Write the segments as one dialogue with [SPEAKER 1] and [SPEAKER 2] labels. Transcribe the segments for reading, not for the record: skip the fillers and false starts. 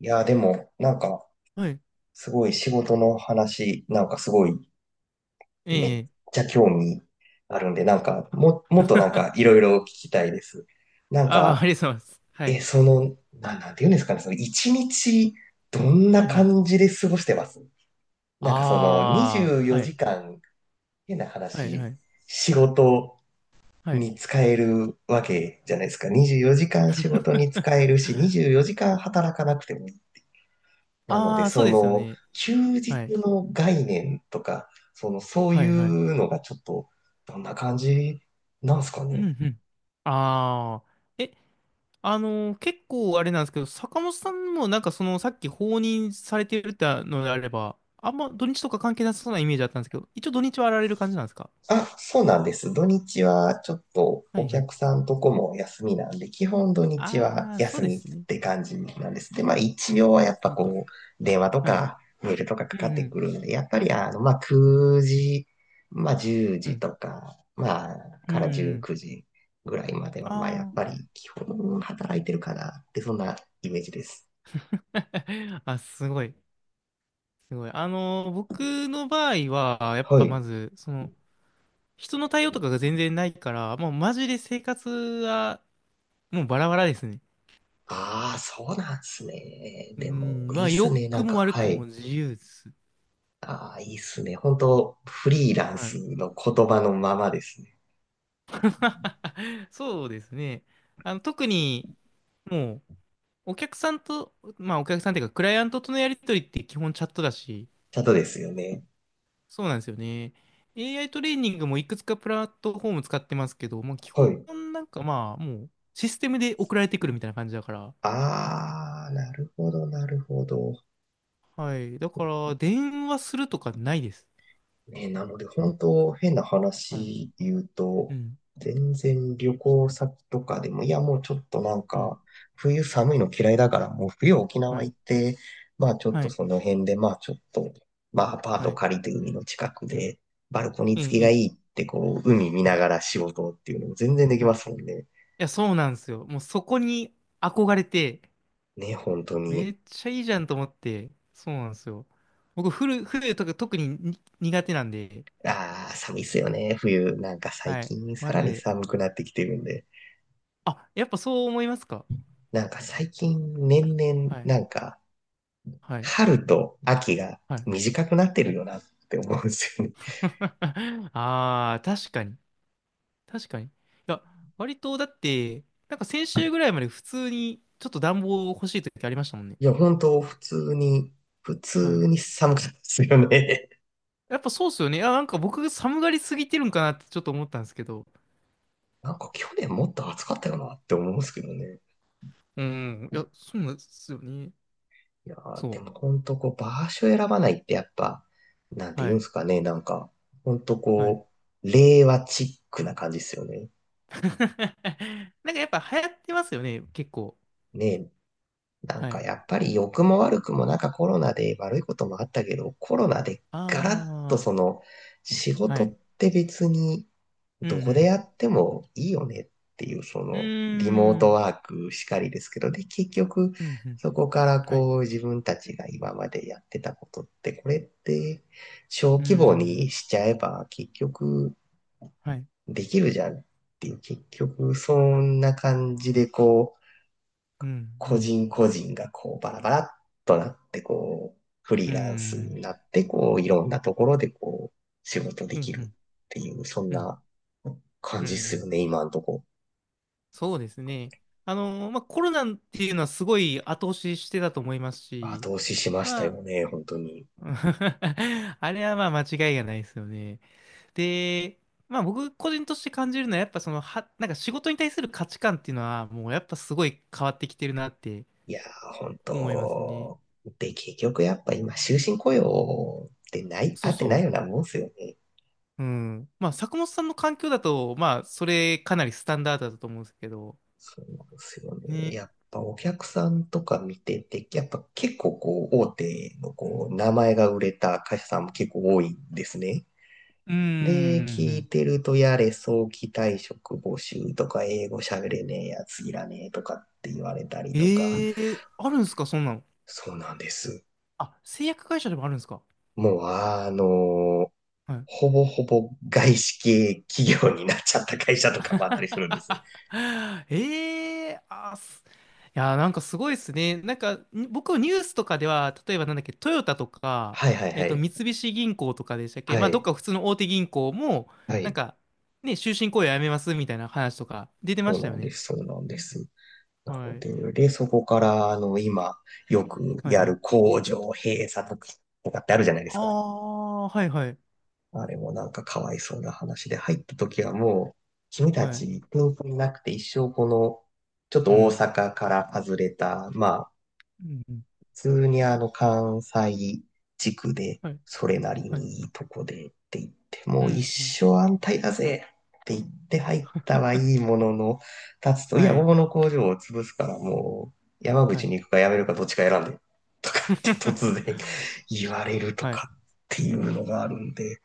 [SPEAKER 1] いやー、でも、なんか、
[SPEAKER 2] はい。
[SPEAKER 1] すごい仕事の話、なんかすごい、
[SPEAKER 2] え
[SPEAKER 1] めっ
[SPEAKER 2] え。
[SPEAKER 1] ちゃ興味あるんで、もっとい ろいろ聞きたいです。なん
[SPEAKER 2] ああ、あ
[SPEAKER 1] か、
[SPEAKER 2] りがとうございます。はい。
[SPEAKER 1] なんて言うんですかね、その、一日、どん
[SPEAKER 2] は
[SPEAKER 1] な
[SPEAKER 2] いはい。
[SPEAKER 1] 感じで過ごしてます？
[SPEAKER 2] あ
[SPEAKER 1] 24
[SPEAKER 2] あ、は
[SPEAKER 1] 時
[SPEAKER 2] い。
[SPEAKER 1] 間、変な
[SPEAKER 2] はいは
[SPEAKER 1] 話、
[SPEAKER 2] い。
[SPEAKER 1] 仕事
[SPEAKER 2] はい。
[SPEAKER 1] に使えるわけじゃないですか。24時間仕事に使えるし、24時間働かなくてもなので、
[SPEAKER 2] ああ、そう
[SPEAKER 1] そ
[SPEAKER 2] ですよ
[SPEAKER 1] の、
[SPEAKER 2] ね。
[SPEAKER 1] 休日
[SPEAKER 2] はい。
[SPEAKER 1] の概念とか、その、そう
[SPEAKER 2] は
[SPEAKER 1] い
[SPEAKER 2] いはい。
[SPEAKER 1] うのがちょっと、どんな感じなんすか
[SPEAKER 2] うんう
[SPEAKER 1] ね。
[SPEAKER 2] ん。ああ。え、あのー結構あれなんですけど、坂本さんもなんかその、さっき放任されてるってのであれば、あんま土日とか関係なさそうなイメージだったんですけど、一応土日はやられる感じなんですか？
[SPEAKER 1] あ、そうなんです。土日はちょっと
[SPEAKER 2] は
[SPEAKER 1] お
[SPEAKER 2] いはい。
[SPEAKER 1] 客さんとこも休みなんで、基本土日は
[SPEAKER 2] ああ、そう
[SPEAKER 1] 休
[SPEAKER 2] で
[SPEAKER 1] みっ
[SPEAKER 2] すね。
[SPEAKER 1] て感じなんです。で、まあ一応はやっぱ
[SPEAKER 2] なんか、
[SPEAKER 1] こう、電話と
[SPEAKER 2] はい。
[SPEAKER 1] かメールとかか
[SPEAKER 2] うん
[SPEAKER 1] かっ
[SPEAKER 2] う
[SPEAKER 1] てく
[SPEAKER 2] ん。
[SPEAKER 1] るんで、やっぱりあの、まあ9時、まあ10
[SPEAKER 2] う
[SPEAKER 1] 時
[SPEAKER 2] ん。
[SPEAKER 1] とか、まあ
[SPEAKER 2] う
[SPEAKER 1] から
[SPEAKER 2] んう
[SPEAKER 1] 19
[SPEAKER 2] ん。
[SPEAKER 1] 時ぐらいまでは、まあやっぱ
[SPEAKER 2] あ
[SPEAKER 1] り基本働いてるかなって、そんなイメージです。
[SPEAKER 2] あ。あ、すごい。すごい。僕の場合は、やっ
[SPEAKER 1] は
[SPEAKER 2] ぱま
[SPEAKER 1] い。
[SPEAKER 2] ず、人の対応とかが全然ないから、もうマジで生活は、もうバラバラですね。
[SPEAKER 1] ああ、そうなんですね。
[SPEAKER 2] う
[SPEAKER 1] でも、
[SPEAKER 2] ん、ま
[SPEAKER 1] いい
[SPEAKER 2] あ、
[SPEAKER 1] っす
[SPEAKER 2] 良
[SPEAKER 1] ね。な
[SPEAKER 2] く
[SPEAKER 1] んか、
[SPEAKER 2] も悪
[SPEAKER 1] は
[SPEAKER 2] く
[SPEAKER 1] い。
[SPEAKER 2] も自由です。
[SPEAKER 1] ああ、いいっすね。本当フリーラン
[SPEAKER 2] は
[SPEAKER 1] ス
[SPEAKER 2] い。
[SPEAKER 1] の言葉のままですね。
[SPEAKER 2] そうですね。特に、もう、お客さんと、まあ、お客さんっていうか、クライアントとのやりとりって基本チャットだし、
[SPEAKER 1] ただですよね。
[SPEAKER 2] そうなんですよね。AI トレーニングもいくつかプラットフォーム使ってますけど、もう基
[SPEAKER 1] は
[SPEAKER 2] 本
[SPEAKER 1] い。
[SPEAKER 2] なんかまあ、もう、システムで送られてくるみたいな感じだから、
[SPEAKER 1] ああ、なるほど、なるほど。
[SPEAKER 2] はい。だから、電話するとかないです。
[SPEAKER 1] ね、なので、本当変な
[SPEAKER 2] はい。
[SPEAKER 1] 話言う
[SPEAKER 2] う
[SPEAKER 1] と、
[SPEAKER 2] ん。
[SPEAKER 1] 全然旅行先とかでも、いや、もうちょっとなん
[SPEAKER 2] うん。
[SPEAKER 1] か、冬寒いの嫌いだから、もう冬沖
[SPEAKER 2] は
[SPEAKER 1] 縄行
[SPEAKER 2] い。
[SPEAKER 1] って、まあちょっ
[SPEAKER 2] は
[SPEAKER 1] と
[SPEAKER 2] い。
[SPEAKER 1] その辺で、まあちょっと、まあアパー
[SPEAKER 2] は
[SPEAKER 1] ト
[SPEAKER 2] い。
[SPEAKER 1] 借りて海の近くで、バルコニー
[SPEAKER 2] ええ、
[SPEAKER 1] 付き
[SPEAKER 2] え
[SPEAKER 1] がい
[SPEAKER 2] え。
[SPEAKER 1] いって、こう、海見
[SPEAKER 2] は
[SPEAKER 1] なが
[SPEAKER 2] い。
[SPEAKER 1] ら仕事っていうのも全然でき
[SPEAKER 2] はい。
[SPEAKER 1] ま
[SPEAKER 2] い
[SPEAKER 1] すもんね。
[SPEAKER 2] や、そうなんですよ。もうそこに憧れて、
[SPEAKER 1] ね、本当に。
[SPEAKER 2] めっちゃいいじゃんと思って、そうなんですよ。僕、フルとか特にに苦手なんで、
[SPEAKER 1] ああ、寒いっすよね、冬。なんか最
[SPEAKER 2] はい。
[SPEAKER 1] 近さ
[SPEAKER 2] マ
[SPEAKER 1] ら
[SPEAKER 2] ジ
[SPEAKER 1] に
[SPEAKER 2] で。
[SPEAKER 1] 寒くなってきてるんで。
[SPEAKER 2] あ、やっぱそう思いますか？
[SPEAKER 1] なんか最近年々
[SPEAKER 2] はい。
[SPEAKER 1] なんか
[SPEAKER 2] はい。
[SPEAKER 1] 春と秋が
[SPEAKER 2] はい。
[SPEAKER 1] 短くなって
[SPEAKER 2] は
[SPEAKER 1] る
[SPEAKER 2] い。
[SPEAKER 1] よなって思うんですよね。
[SPEAKER 2] ああ、確かに。確かに。いや、割とだって、なんか先週ぐらいまで普通にちょっと暖房欲しい時ありましたもんね。
[SPEAKER 1] いや、本当普通に、普
[SPEAKER 2] は
[SPEAKER 1] 通
[SPEAKER 2] い。
[SPEAKER 1] に寒かったですよね。
[SPEAKER 2] やっぱそうっすよね。いや、なんか僕が寒がりすぎてるんかなってちょっと思ったんですけど。
[SPEAKER 1] なんか去年もっと暑かったよなって思うんですけどね。
[SPEAKER 2] うん。いや、そうなんですよね。
[SPEAKER 1] いやー、で
[SPEAKER 2] そ
[SPEAKER 1] も本当こう場所選ばないってやっぱ、なん
[SPEAKER 2] う。
[SPEAKER 1] て言
[SPEAKER 2] は
[SPEAKER 1] うん
[SPEAKER 2] い。
[SPEAKER 1] ですかね、なんか、本当
[SPEAKER 2] はい。
[SPEAKER 1] こう、令和チックな感じですよね。
[SPEAKER 2] なんかやっぱ流行ってますよね。結構。
[SPEAKER 1] ねえ、なん
[SPEAKER 2] は
[SPEAKER 1] か
[SPEAKER 2] い。
[SPEAKER 1] やっぱり良くも悪くもなんかコロナで悪いこともあったけど、コロナでガラッと
[SPEAKER 2] あ
[SPEAKER 1] その仕
[SPEAKER 2] あ。は
[SPEAKER 1] 事っ
[SPEAKER 2] い。
[SPEAKER 1] て別に
[SPEAKER 2] う
[SPEAKER 1] どこで
[SPEAKER 2] ん
[SPEAKER 1] やってもいいよねっていうそ
[SPEAKER 2] うん。
[SPEAKER 1] のリモー
[SPEAKER 2] うー
[SPEAKER 1] トワ
[SPEAKER 2] ん。
[SPEAKER 1] ークしかりですけど、で結局
[SPEAKER 2] うんうん。
[SPEAKER 1] そこから
[SPEAKER 2] はい。
[SPEAKER 1] こう自分たちが今までやってたことってこれって小
[SPEAKER 2] うー
[SPEAKER 1] 規模
[SPEAKER 2] ん。
[SPEAKER 1] にしちゃえば結局
[SPEAKER 2] はい。
[SPEAKER 1] できるじゃんっていう結局そんな感じでこう
[SPEAKER 2] うんう
[SPEAKER 1] 個
[SPEAKER 2] ん。
[SPEAKER 1] 人個人がこうバラバラっとなってこう、フリ
[SPEAKER 2] うー
[SPEAKER 1] ーランスに
[SPEAKER 2] ん。
[SPEAKER 1] なってこう、いろんなところでこう、仕事で
[SPEAKER 2] う
[SPEAKER 1] き
[SPEAKER 2] ん
[SPEAKER 1] る
[SPEAKER 2] う
[SPEAKER 1] っ
[SPEAKER 2] ん。
[SPEAKER 1] ていう、そん
[SPEAKER 2] うん
[SPEAKER 1] な感
[SPEAKER 2] うんうん
[SPEAKER 1] じっ
[SPEAKER 2] う
[SPEAKER 1] すよ
[SPEAKER 2] ん。
[SPEAKER 1] ね、今んとこ。
[SPEAKER 2] そうですね。まあ、コロナっていうのはすごい後押ししてたと思いますし、
[SPEAKER 1] 後押ししました
[SPEAKER 2] ま
[SPEAKER 1] よね、本当に。
[SPEAKER 2] あ、あれはまあ間違いがないですよね。で、まあ僕個人として感じるのはやっぱなんか仕事に対する価値観っていうのはもうやっぱすごい変わってきてるなって
[SPEAKER 1] いやー、本
[SPEAKER 2] 思いますね。
[SPEAKER 1] 当。で、結局やっぱ今、終身雇用ってない、
[SPEAKER 2] そ
[SPEAKER 1] 合
[SPEAKER 2] う
[SPEAKER 1] ってない
[SPEAKER 2] そ
[SPEAKER 1] ようなもんっすよね。
[SPEAKER 2] う。うん。まあ坂本さんの環境だと、まあそれかなりスタンダードだと思うんですけど、
[SPEAKER 1] そうですよね。
[SPEAKER 2] ね。
[SPEAKER 1] やっぱお客さんとか見てて、やっぱ結構こう、大手の
[SPEAKER 2] う
[SPEAKER 1] こ
[SPEAKER 2] ん。
[SPEAKER 1] う、名前が売れた会社さんも結構多いんですね。
[SPEAKER 2] うん。う
[SPEAKER 1] で、
[SPEAKER 2] んうんう
[SPEAKER 1] 聞い
[SPEAKER 2] ん。
[SPEAKER 1] てると、やれ、早期退職募集とか、英語喋れねえやついらねえとかって言われたりとか、
[SPEAKER 2] ええー、あるんですか、そんなの？
[SPEAKER 1] そうなんです。
[SPEAKER 2] あ、製薬会社でもあるんですか？
[SPEAKER 1] もう、あの、
[SPEAKER 2] はい。
[SPEAKER 1] ほぼほぼ外資系企業になっちゃった会社とかもあったりするんです。
[SPEAKER 2] ええあ、いや、なんかすごいですね。なんか、に僕、ニュースとかでは、例えばなんだっけ、トヨタとか、
[SPEAKER 1] はいはいはい。
[SPEAKER 2] 三菱銀行とかでしたっけ？
[SPEAKER 1] は
[SPEAKER 2] まあ、どっ
[SPEAKER 1] い。
[SPEAKER 2] か普通の大手銀行も、
[SPEAKER 1] は
[SPEAKER 2] なん
[SPEAKER 1] い。
[SPEAKER 2] か、ね、終身雇用やめますみたいな話とか出てま
[SPEAKER 1] そう
[SPEAKER 2] した
[SPEAKER 1] な
[SPEAKER 2] よ
[SPEAKER 1] んで
[SPEAKER 2] ね。
[SPEAKER 1] す。そうなんです。な
[SPEAKER 2] は
[SPEAKER 1] の
[SPEAKER 2] い。
[SPEAKER 1] で、で、そこから、あの、今、よく
[SPEAKER 2] はい
[SPEAKER 1] や
[SPEAKER 2] は
[SPEAKER 1] る
[SPEAKER 2] い。
[SPEAKER 1] 工場閉鎖とかとかってあるじゃないです
[SPEAKER 2] あ
[SPEAKER 1] か。
[SPEAKER 2] あ、はいはい。
[SPEAKER 1] あれもなんかかわいそうな話で、入った時はもう、君た
[SPEAKER 2] はい。
[SPEAKER 1] ち天才なくて一生この、ちょっ
[SPEAKER 2] う
[SPEAKER 1] と大
[SPEAKER 2] ん。
[SPEAKER 1] 阪から外れた、まあ、
[SPEAKER 2] うんうん。
[SPEAKER 1] 普通にあの関西地区で、
[SPEAKER 2] はい。
[SPEAKER 1] それなり
[SPEAKER 2] はい。
[SPEAKER 1] にいいとこでって言って、
[SPEAKER 2] う
[SPEAKER 1] もう一
[SPEAKER 2] ん。うん。
[SPEAKER 1] 生安泰だぜって言って入ったはいいものの、立つと、いや、
[SPEAKER 2] はい。
[SPEAKER 1] 桃の工場を潰すからもう、山
[SPEAKER 2] は
[SPEAKER 1] 口
[SPEAKER 2] い。
[SPEAKER 1] に行くか辞めるかどっちか選んで、とかって突然 言われると
[SPEAKER 2] はい。
[SPEAKER 1] かっていうのがあるんで、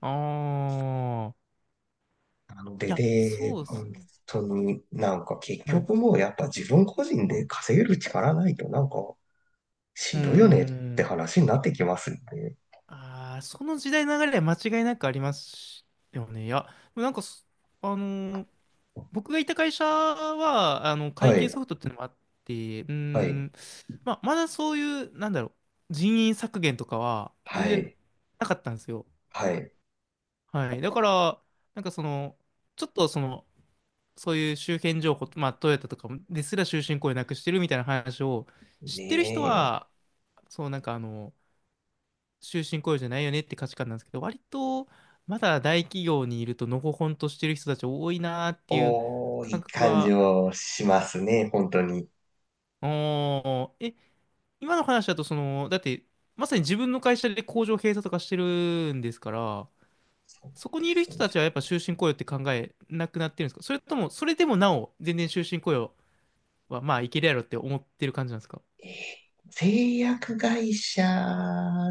[SPEAKER 2] ああ。
[SPEAKER 1] なの
[SPEAKER 2] い
[SPEAKER 1] で、
[SPEAKER 2] や、
[SPEAKER 1] で、
[SPEAKER 2] そうです
[SPEAKER 1] 本
[SPEAKER 2] ね。
[SPEAKER 1] 当になんか結
[SPEAKER 2] はい。
[SPEAKER 1] 局もうやっぱ自分個人で稼げる力ないとなんか
[SPEAKER 2] う
[SPEAKER 1] し
[SPEAKER 2] ー
[SPEAKER 1] んどいよねって
[SPEAKER 2] ん。
[SPEAKER 1] 話になってきますよね。
[SPEAKER 2] ああ、その時代の流れは間違いなくありますよね。いや、でもなんかそ、あのー僕がいた会社は、会
[SPEAKER 1] は
[SPEAKER 2] 計ソ
[SPEAKER 1] い、
[SPEAKER 2] フトっていうのもあって、うー
[SPEAKER 1] はい、
[SPEAKER 2] ん、まあ、まだそういう、なんだろう、人員削減とかは全
[SPEAKER 1] は
[SPEAKER 2] 然
[SPEAKER 1] い、
[SPEAKER 2] なかったんですよ。
[SPEAKER 1] はい。
[SPEAKER 2] はい。だから、なんかちょっとそういう周辺情報、まあ、トヨタとかですら終身雇用なくしてるみたいな話を知
[SPEAKER 1] ね
[SPEAKER 2] ってる人
[SPEAKER 1] え。
[SPEAKER 2] は、そう、なんか終身雇用じゃないよねって価値観なんですけど、割とまだ大企業にいるとのほほんとしてる人たち多いなーっていう
[SPEAKER 1] おー、いい
[SPEAKER 2] 感覚
[SPEAKER 1] 感じ
[SPEAKER 2] は、
[SPEAKER 1] をしますね、本当に。
[SPEAKER 2] おー、今の話だとだってまさに自分の会社で工場閉鎖とかしてるんですから、
[SPEAKER 1] そう
[SPEAKER 2] そこ
[SPEAKER 1] で
[SPEAKER 2] にい
[SPEAKER 1] す
[SPEAKER 2] る
[SPEAKER 1] そ
[SPEAKER 2] 人
[SPEAKER 1] うで
[SPEAKER 2] たちはやっ
[SPEAKER 1] す
[SPEAKER 2] ぱ終身雇用って考えなくなってるんですか？それとも、それでもなお全然終身雇用はまあいけるやろって思ってる感じなんですか？
[SPEAKER 1] えー製薬会社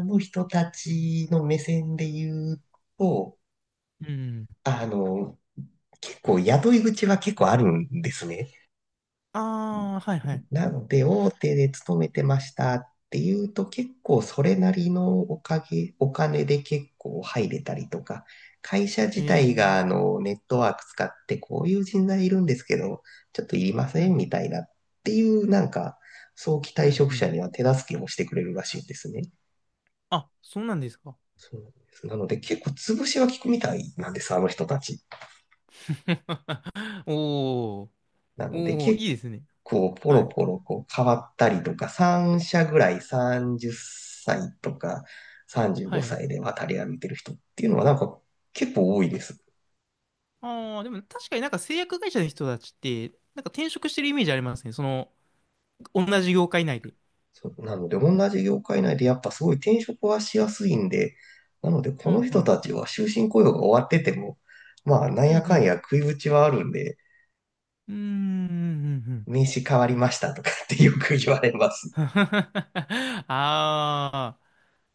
[SPEAKER 1] の人たちの目線で言うと、
[SPEAKER 2] うん。
[SPEAKER 1] あの、結構雇い口は結構あるんですね。
[SPEAKER 2] ああ、はいはい。
[SPEAKER 1] なので、大手で勤めてましたっていうと、結構それなりのおかげ、お金で結構入れたりとか、会社
[SPEAKER 2] え
[SPEAKER 1] 自体
[SPEAKER 2] ー、
[SPEAKER 1] があのネットワーク使ってこういう人材いるんですけど、ちょっといりま
[SPEAKER 2] う
[SPEAKER 1] せん
[SPEAKER 2] ん、
[SPEAKER 1] みたいなっていうなんか、早期
[SPEAKER 2] う
[SPEAKER 1] 退
[SPEAKER 2] ん、
[SPEAKER 1] 職
[SPEAKER 2] う
[SPEAKER 1] 者
[SPEAKER 2] ん。
[SPEAKER 1] には手助けもしてくれるらしいんですね。
[SPEAKER 2] あ、そうなんですか。
[SPEAKER 1] そうなんです。なので結構潰しは効くみたいなんです、あの人たち。
[SPEAKER 2] おー、
[SPEAKER 1] なので
[SPEAKER 2] おー、
[SPEAKER 1] 結
[SPEAKER 2] いいですね。
[SPEAKER 1] 構ポ
[SPEAKER 2] は
[SPEAKER 1] ロ
[SPEAKER 2] い。
[SPEAKER 1] ポロこう変わったりとか、3社ぐらい30歳とか35
[SPEAKER 2] はい。
[SPEAKER 1] 歳で渡り歩いてる人っていうのはなんか結構多いです。
[SPEAKER 2] ああ、でも確かになんか製薬会社の人たちって、なんか転職してるイメージありますね。同じ業界内で。
[SPEAKER 1] そうなので同じ業界内でやっぱすごい転職はしやすいんで、なのでこ
[SPEAKER 2] う
[SPEAKER 1] の
[SPEAKER 2] ん、う
[SPEAKER 1] 人た
[SPEAKER 2] ん。
[SPEAKER 1] ちは終身雇用が終わってても、まあな
[SPEAKER 2] う
[SPEAKER 1] ん
[SPEAKER 2] ん、う
[SPEAKER 1] やかんや
[SPEAKER 2] ん。
[SPEAKER 1] 食いぶちはあるんで、
[SPEAKER 2] うーん、うん、うん。
[SPEAKER 1] 名刺変わりましたとかってよく言われます。
[SPEAKER 2] うん。ああ、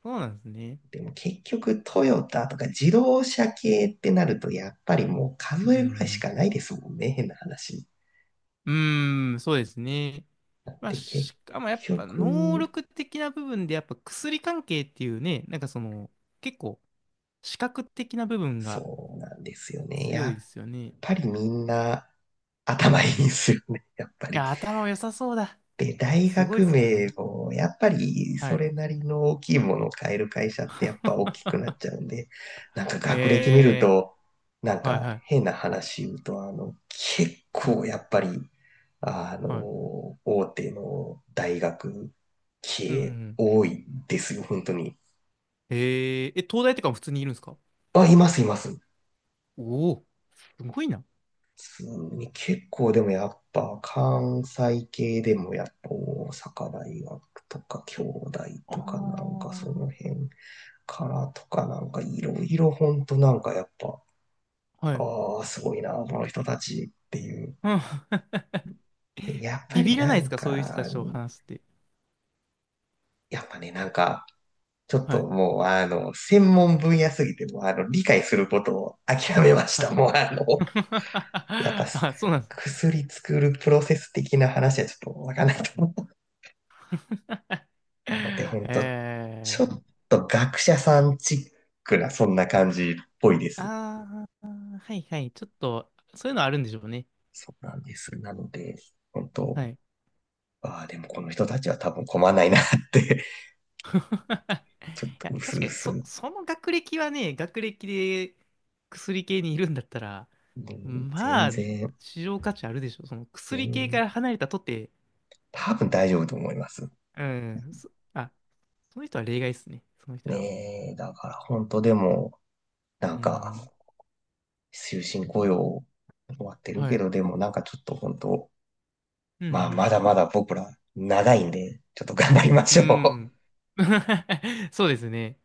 [SPEAKER 2] そうなんですね。
[SPEAKER 1] でも結局トヨタとか自動車系ってなるとやっぱりもう
[SPEAKER 2] う
[SPEAKER 1] 数えぐらいし
[SPEAKER 2] ん、
[SPEAKER 1] かないですもんね、変な話。
[SPEAKER 2] うん。うーん、そうですね。
[SPEAKER 1] なん
[SPEAKER 2] まあ、
[SPEAKER 1] で結
[SPEAKER 2] しかもやっぱ能
[SPEAKER 1] 局、
[SPEAKER 2] 力的な部分でやっぱ薬関係っていうね、なんか結構視覚的な部分が
[SPEAKER 1] そうなんですよね。
[SPEAKER 2] 強
[SPEAKER 1] や
[SPEAKER 2] い
[SPEAKER 1] っ
[SPEAKER 2] ですよね。
[SPEAKER 1] ぱりみんな
[SPEAKER 2] う
[SPEAKER 1] 頭いいん
[SPEAKER 2] ん。
[SPEAKER 1] ですよね、やっぱ
[SPEAKER 2] い
[SPEAKER 1] り。
[SPEAKER 2] や、頭良さそうだ。
[SPEAKER 1] で、大
[SPEAKER 2] すごいっ
[SPEAKER 1] 学
[SPEAKER 2] す
[SPEAKER 1] 名
[SPEAKER 2] ね。
[SPEAKER 1] も、やっぱり
[SPEAKER 2] は
[SPEAKER 1] そ
[SPEAKER 2] い。
[SPEAKER 1] れなりの大きいものを買える会社ってやっぱ大きく なっちゃうんで、なんか学歴見る
[SPEAKER 2] え
[SPEAKER 1] と、なん
[SPEAKER 2] ー、はい
[SPEAKER 1] か
[SPEAKER 2] はい。
[SPEAKER 1] 変な話言うと、結
[SPEAKER 2] はい。
[SPEAKER 1] 構やっぱり、あ
[SPEAKER 2] はい。
[SPEAKER 1] の、大手の大学
[SPEAKER 2] う
[SPEAKER 1] 系
[SPEAKER 2] ん。
[SPEAKER 1] 多いですよ、本当に。
[SPEAKER 2] えー、東大とかも普通にいるんですか？
[SPEAKER 1] あ、います、います。
[SPEAKER 2] おおー、すごいな。
[SPEAKER 1] 普通に結構でもやっぱ関西系でもやっぱ大阪大学とか京大
[SPEAKER 2] あ
[SPEAKER 1] とかなんかその
[SPEAKER 2] あ。
[SPEAKER 1] 辺からとかなんかいろいろほんとなんかやっぱ、
[SPEAKER 2] はい。
[SPEAKER 1] ああ、すごいな、この人たちっていう。
[SPEAKER 2] うん。
[SPEAKER 1] で、やっぱ
[SPEAKER 2] ビ
[SPEAKER 1] り
[SPEAKER 2] ビら
[SPEAKER 1] な
[SPEAKER 2] ないです
[SPEAKER 1] ん
[SPEAKER 2] か、そういう人
[SPEAKER 1] か、
[SPEAKER 2] たちと話して？
[SPEAKER 1] やっぱね、なんか、ちょっ
[SPEAKER 2] は
[SPEAKER 1] と
[SPEAKER 2] い。
[SPEAKER 1] もうあの、専門分野すぎて、もうあの、理解することを諦めまし
[SPEAKER 2] は
[SPEAKER 1] た。
[SPEAKER 2] い。
[SPEAKER 1] もうあの、やっぱ
[SPEAKER 2] あ、そうなんです。
[SPEAKER 1] 薬作るプロセス的な話はちょっとわかんないと思う。なので、ほんと、
[SPEAKER 2] え
[SPEAKER 1] ちょっ
[SPEAKER 2] ー。
[SPEAKER 1] と学者さんチックな、そんな感じっぽいです。
[SPEAKER 2] ああ、はいはい。ちょっと、そういうのあるんでしょうね。
[SPEAKER 1] そうなんです。なので、本
[SPEAKER 2] は
[SPEAKER 1] 当
[SPEAKER 2] い。
[SPEAKER 1] ああ、でもこの人たちは多分困らないなって
[SPEAKER 2] い
[SPEAKER 1] ちょっと
[SPEAKER 2] や、
[SPEAKER 1] 薄
[SPEAKER 2] 確か
[SPEAKER 1] 々、う
[SPEAKER 2] に、そ、
[SPEAKER 1] す
[SPEAKER 2] その学歴はね、学歴で薬系にいるんだったら、
[SPEAKER 1] 全
[SPEAKER 2] まあ、
[SPEAKER 1] 然、
[SPEAKER 2] 市場価値あるでしょ。その薬系か
[SPEAKER 1] 全
[SPEAKER 2] ら離れたとて、
[SPEAKER 1] 多分大丈夫と思います。
[SPEAKER 2] うん、その人は例外ですね。その人らは。
[SPEAKER 1] ねえ、だから本当でも、なん
[SPEAKER 2] う
[SPEAKER 1] か、
[SPEAKER 2] ん、
[SPEAKER 1] 終身雇用終わってる
[SPEAKER 2] は
[SPEAKER 1] け
[SPEAKER 2] い。
[SPEAKER 1] ど、でもなんかちょっと本当、
[SPEAKER 2] う
[SPEAKER 1] まあ
[SPEAKER 2] ん、
[SPEAKER 1] まだまだ僕ら長いんで、ちょっと頑張りま
[SPEAKER 2] う
[SPEAKER 1] しょう。
[SPEAKER 2] ん。うん。そうですね。